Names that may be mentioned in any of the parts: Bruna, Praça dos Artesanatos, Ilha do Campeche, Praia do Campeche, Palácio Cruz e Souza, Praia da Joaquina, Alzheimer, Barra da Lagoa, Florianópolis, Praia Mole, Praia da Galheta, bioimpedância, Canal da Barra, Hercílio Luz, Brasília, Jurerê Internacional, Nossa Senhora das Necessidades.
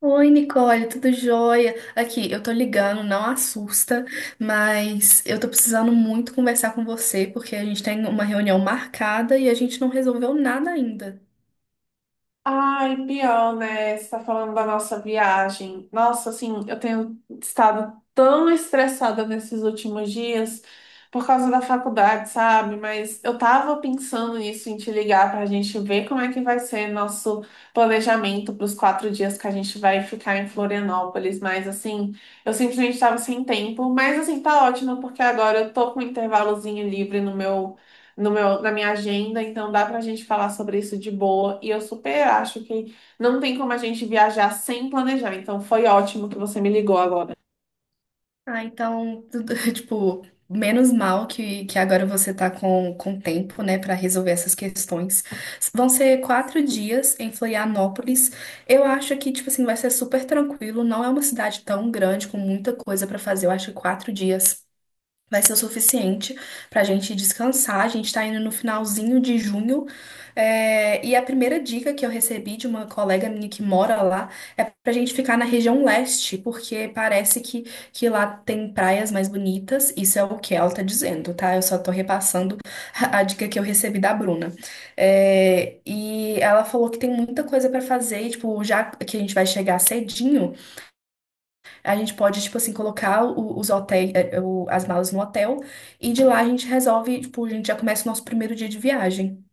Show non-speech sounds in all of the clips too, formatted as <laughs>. Oi, Nicole, tudo jóia? Aqui, eu tô ligando, não assusta, mas eu tô precisando muito conversar com você porque a gente tem uma reunião marcada e a gente não resolveu nada ainda. Ai, pior, né? Você tá falando da nossa viagem. Nossa, assim, eu tenho estado tão estressada nesses últimos dias por causa da faculdade, sabe? Mas eu tava pensando nisso, em te ligar pra gente ver como é que vai ser nosso planejamento para os 4 dias que a gente vai ficar em Florianópolis. Mas, assim, eu simplesmente tava sem tempo. Mas, assim, tá ótimo, porque agora eu tô com um intervalozinho livre no meu no meu, na minha agenda, então dá pra gente falar sobre isso de boa. E eu super acho que não tem como a gente viajar sem planejar. Então foi ótimo que você me ligou agora. Ah, então, <laughs> tipo, menos mal que agora você tá com tempo, né, pra resolver essas questões. Vão ser 4 dias em Florianópolis. Eu acho que, tipo assim, vai ser super tranquilo. Não é uma cidade tão grande com muita coisa pra fazer. Eu acho que 4 dias vai ser o suficiente para a gente descansar. A gente está indo no finalzinho de junho. E a primeira dica que eu recebi de uma colega minha que mora lá é para a gente ficar na região leste, porque parece que lá tem praias mais bonitas. Isso é o que ela está dizendo, tá? Eu só tô repassando a dica que eu recebi da Bruna. É, e ela falou que tem muita coisa para fazer, e, tipo, já que a gente vai chegar cedinho. A gente pode, tipo assim, colocar o- os hotéis, eh, o- as malas no hotel, e de lá a gente resolve, tipo, a gente já começa o nosso primeiro dia de viagem.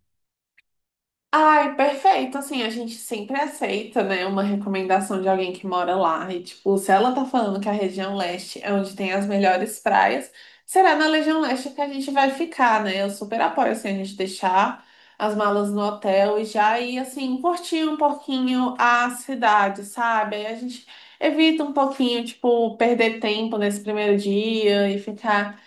Ai, perfeito. Assim, a gente sempre aceita, né, uma recomendação de alguém que mora lá. E, tipo, se ela tá falando que a região leste é onde tem as melhores praias, será na região leste que a gente vai ficar, né? Eu super apoio, assim, a gente deixar as malas no hotel e já ir, assim, curtir um pouquinho a cidade, sabe? Aí a gente evita um pouquinho, tipo, perder tempo nesse primeiro dia e ficar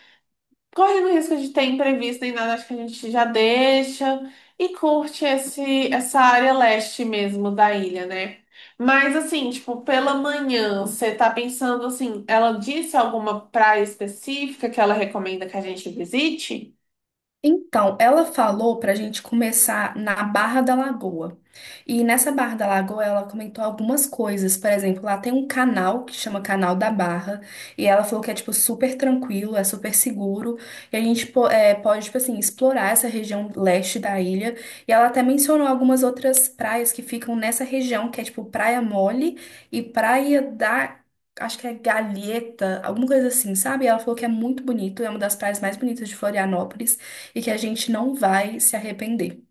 correndo o risco de ter imprevisto nem nada, acho que a gente já deixa e curte essa área leste mesmo da ilha, né? Mas assim, tipo, pela manhã, você tá pensando assim, ela disse alguma praia específica que ela recomenda que a gente visite? Então, ela falou para a gente começar na Barra da Lagoa. E nessa Barra da Lagoa, ela comentou algumas coisas. Por exemplo, lá tem um canal que chama Canal da Barra. E ela falou que é, tipo, super tranquilo, é super seguro. E a gente pode, tipo assim, explorar essa região leste da ilha. E ela até mencionou algumas outras praias que ficam nessa região, que é, tipo, Praia Mole e Praia da. Acho que é Galheta, alguma coisa assim, sabe? E ela falou que é muito bonito, é uma das praias mais bonitas de Florianópolis e que a gente não vai se arrepender.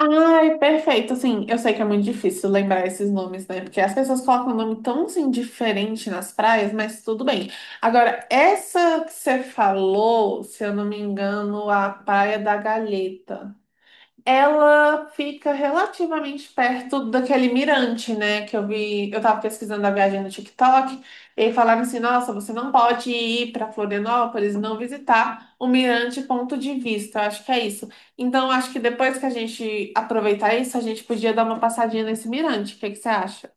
Ai, perfeito. Assim, eu sei que é muito difícil lembrar esses nomes, né? Porque as pessoas colocam um nome tão assim diferente nas praias, mas tudo bem. Agora, essa que você falou, se eu não me engano, a Praia da Galheta. Ela fica relativamente perto daquele mirante, né? Que eu vi, eu tava pesquisando a viagem no TikTok, e aí falaram assim: nossa, você não pode ir para Florianópolis e não visitar o mirante ponto de vista. Eu acho que é isso. Então, eu acho que depois que a gente aproveitar isso, a gente podia dar uma passadinha nesse mirante. O que que você acha?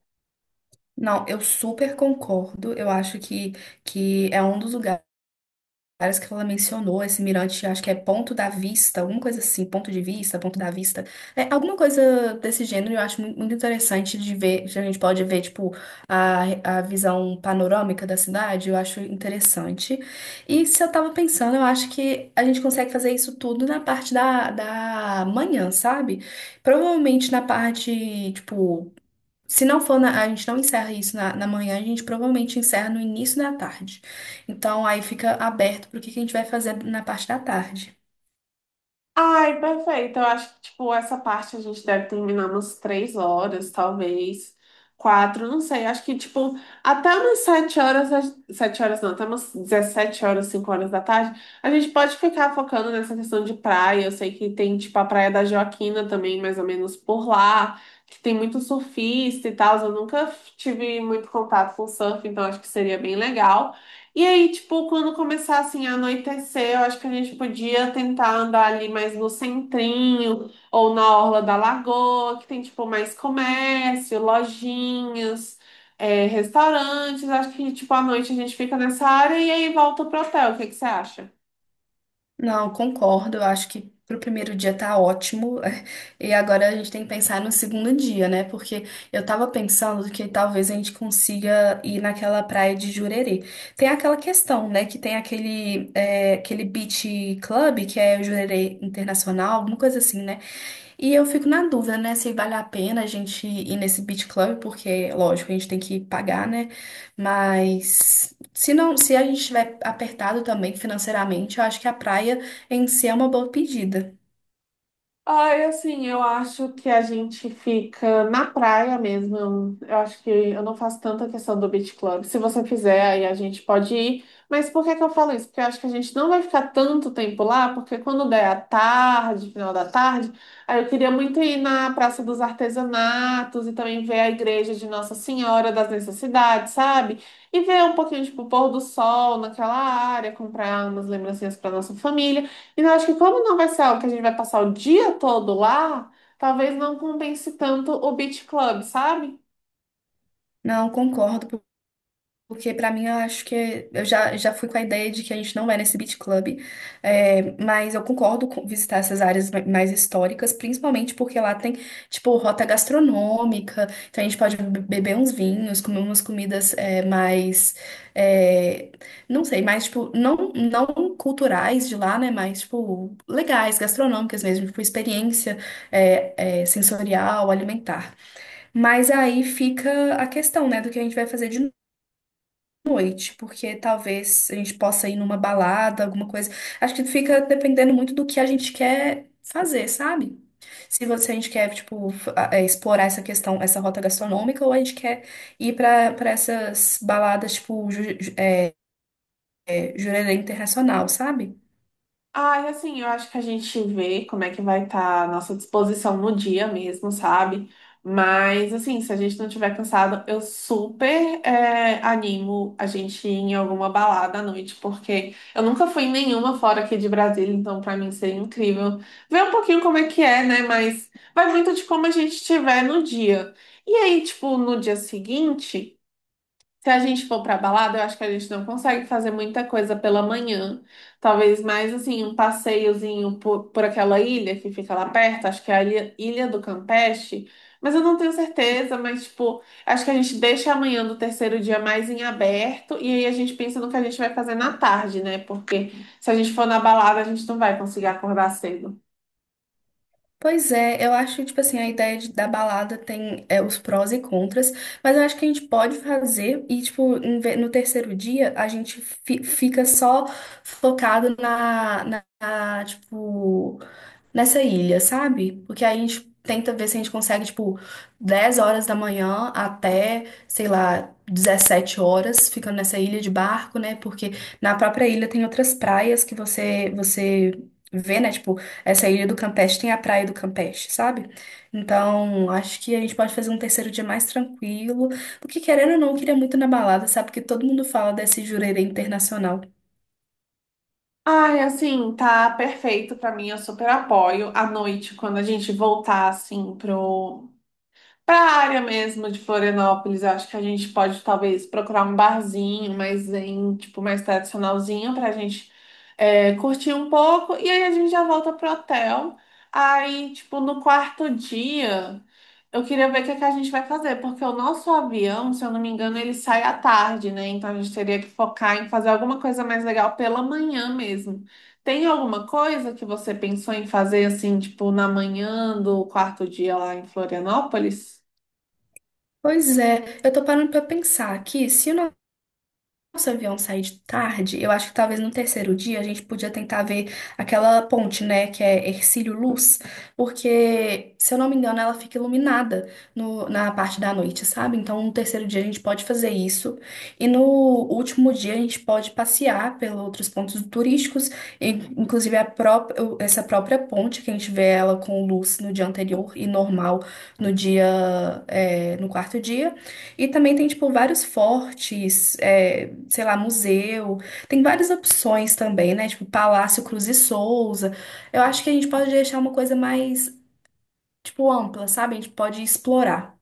Não, eu super concordo. Eu acho que é um dos lugares que ela mencionou, esse mirante, acho que é Ponto da Vista, alguma coisa assim, Ponto de Vista, Ponto da Vista. É, alguma coisa desse gênero eu acho muito, muito interessante de ver, que a gente pode ver, tipo, a visão panorâmica da cidade, eu acho interessante. E se eu tava pensando, eu acho que a gente consegue fazer isso tudo na parte da manhã, sabe? Provavelmente na parte, tipo, se não for na, a gente não encerra isso na manhã, a gente provavelmente encerra no início da tarde. Então aí fica aberto para o que que a gente vai fazer na parte da tarde. Ai, perfeito. Eu acho que, tipo, essa parte a gente deve terminar umas 3 horas, talvez. Quatro, não sei. Acho que, tipo, até umas 7 horas, 7 horas não, até umas 17 horas, 5 horas da tarde, a gente pode ficar focando nessa questão de praia. Eu sei que tem, tipo, a Praia da Joaquina também, mais ou menos por lá, que tem muito surfista e tal. Eu nunca tive muito contato com surf, então acho que seria bem legal. E aí, tipo, quando começar assim a anoitecer, eu acho que a gente podia tentar andar ali mais no centrinho ou na orla da lagoa, que tem tipo mais comércio, lojinhas, restaurantes. Acho que tipo à noite a gente fica nessa área e aí volta pro hotel. O que que você acha? Não, concordo, eu acho que pro primeiro dia tá ótimo. <laughs> E agora a gente tem que pensar no segundo dia, né? Porque eu tava pensando que talvez a gente consiga ir naquela praia de Jurerê. Tem aquela questão, né? Que tem aquele beach club, que é Jurerê Internacional, alguma coisa assim, né? E eu fico na dúvida, né, se vale a pena a gente ir nesse beach club, porque, lógico, a gente tem que pagar, né? Mas se não, se a gente estiver apertado também financeiramente, eu acho que a praia em si é uma boa pedida. Ai, assim, eu acho que a gente fica na praia mesmo. Eu acho que eu não faço tanta questão do beach club. Se você fizer, aí a gente pode ir. Mas por que que eu falo isso? Porque eu acho que a gente não vai ficar tanto tempo lá, porque quando der a tarde, final da tarde, aí eu queria muito ir na Praça dos Artesanatos e também ver a igreja de Nossa Senhora das Necessidades, sabe? E ver um pouquinho, tipo, o pôr do sol naquela área, comprar umas lembrancinhas para nossa família. E eu acho que como não vai ser algo que a gente vai passar o dia todo lá, talvez não compense tanto o Beach Club, sabe? Não, concordo. Porque pra mim eu acho que eu já fui com a ideia de que a gente não vai nesse beat club, mas eu concordo com visitar essas áreas mais históricas, principalmente porque lá tem, tipo, rota gastronômica, então a gente pode beber uns vinhos, comer umas comidas mais, é, não sei, mais, tipo, não, não culturais de lá, né, mas, tipo, legais, gastronômicas mesmo, tipo, experiência sensorial, alimentar. Mas aí fica a questão, né, do que a gente vai fazer de noite, porque talvez a gente possa ir numa balada, alguma coisa. Acho que fica dependendo muito do que a gente quer fazer, sabe? Se você, a gente quer, tipo, explorar essa questão, essa rota gastronômica, ou a gente quer ir pra para essas baladas, tipo, Jurerê Internacional, sabe? Ai, assim, eu acho que a gente vê como é que vai estar a nossa disposição no dia mesmo, sabe? Mas, assim, se a gente não tiver cansado, eu super animo a gente ir em alguma balada à noite, porque eu nunca fui em nenhuma fora aqui de Brasília, então pra mim seria incrível ver um pouquinho como é que é, né? Mas vai muito de como a gente estiver no dia. E aí, tipo, no dia seguinte. Se a gente for pra balada, eu acho que a gente não consegue fazer muita coisa pela manhã. Talvez mais assim, um passeiozinho por aquela ilha que fica lá perto, acho que é a Ilha do Campeche, mas eu não tenho certeza, mas tipo, acho que a gente deixa amanhã do terceiro dia mais em aberto e aí a gente pensa no que a gente vai fazer na tarde, né? Porque se a gente for na balada, a gente não vai conseguir acordar cedo. Pois é, eu acho, tipo assim, a ideia da balada tem, os prós e contras, mas eu acho que a gente pode fazer e, tipo, no terceiro dia a gente fica só focado tipo, nessa ilha, sabe? Porque aí a gente tenta ver se a gente consegue, tipo, 10 horas da manhã até, sei lá, 17 horas, ficando nessa ilha de barco, né? Porque na própria ilha tem outras praias que você vê, né? Tipo, essa ilha do Campeche tem a praia do Campeche, sabe? Então, acho que a gente pode fazer um terceiro dia mais tranquilo. Porque querendo ou não, eu queria muito ir na balada, sabe? Porque todo mundo fala desse Jurerê Internacional. Ai, assim, tá perfeito pra mim, eu super apoio. À noite, quando a gente voltar, assim, para a área mesmo de Florianópolis, eu acho que a gente pode talvez procurar um barzinho, mas em tipo mais tradicionalzinho para a gente curtir um pouco e aí a gente já volta pro hotel. Aí, tipo, no quarto dia, eu queria ver o que é que a gente vai fazer, porque o nosso avião, se eu não me engano, ele sai à tarde, né? Então a gente teria que focar em fazer alguma coisa mais legal pela manhã mesmo. Tem alguma coisa que você pensou em fazer assim, tipo, na manhã do quarto dia lá em Florianópolis? Pois é, eu tô parando pra pensar aqui, se o nosso avião sair de tarde, eu acho que talvez no terceiro dia a gente podia tentar ver aquela ponte, né, que é Hercílio Luz, porque, se eu não me engano, ela fica iluminada na parte da noite, sabe? Então, no terceiro dia a gente pode fazer isso, e no último dia a gente pode passear pelos outros pontos turísticos, inclusive a própria, essa própria ponte, que a gente vê ela com luz no dia anterior e normal no dia, no quarto dia. E também tem, tipo, vários fortes, sei lá, museu. Tem várias opções também, né? Tipo, Palácio Cruz e Souza. Eu acho que a gente pode deixar uma coisa mais, tipo, ampla, sabe? A gente pode explorar.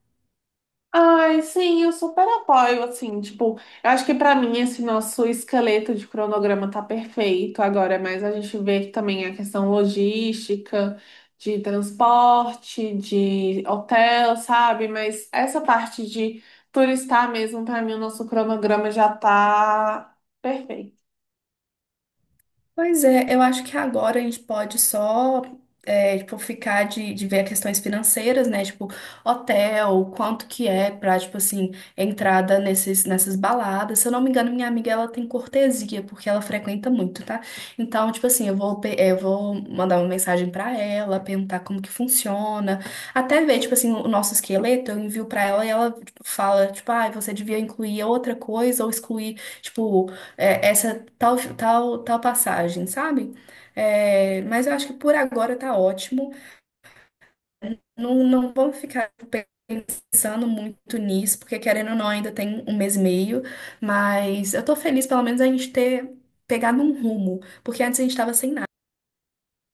Ai, sim, eu super apoio, assim, tipo, eu acho que pra mim esse nosso esqueleto de cronograma tá perfeito agora, mas a gente vê que também a questão logística, de transporte, de hotel, sabe? Mas essa parte de turistar mesmo, pra mim o nosso cronograma já tá perfeito. Pois é, eu acho que agora a gente pode só, tipo, ficar de ver questões financeiras, né? Tipo, hotel, quanto que é pra, tipo assim, entrada nessas baladas. Se eu não me engano, minha amiga, ela tem cortesia, porque ela frequenta muito, tá? Então, tipo assim, eu vou mandar uma mensagem pra ela, perguntar como que funciona. Até ver, tipo assim, o nosso esqueleto, eu envio pra ela e ela, tipo, fala, tipo, ah, você devia incluir outra coisa ou excluir, tipo, essa tal, tal, tal passagem, sabe? É, mas eu acho que por agora tá ótimo. Não, não vamos ficar pensando muito nisso, porque querendo ou não, ainda tem um mês e meio, mas eu tô feliz pelo menos a gente ter pegado um rumo, porque antes a gente tava sem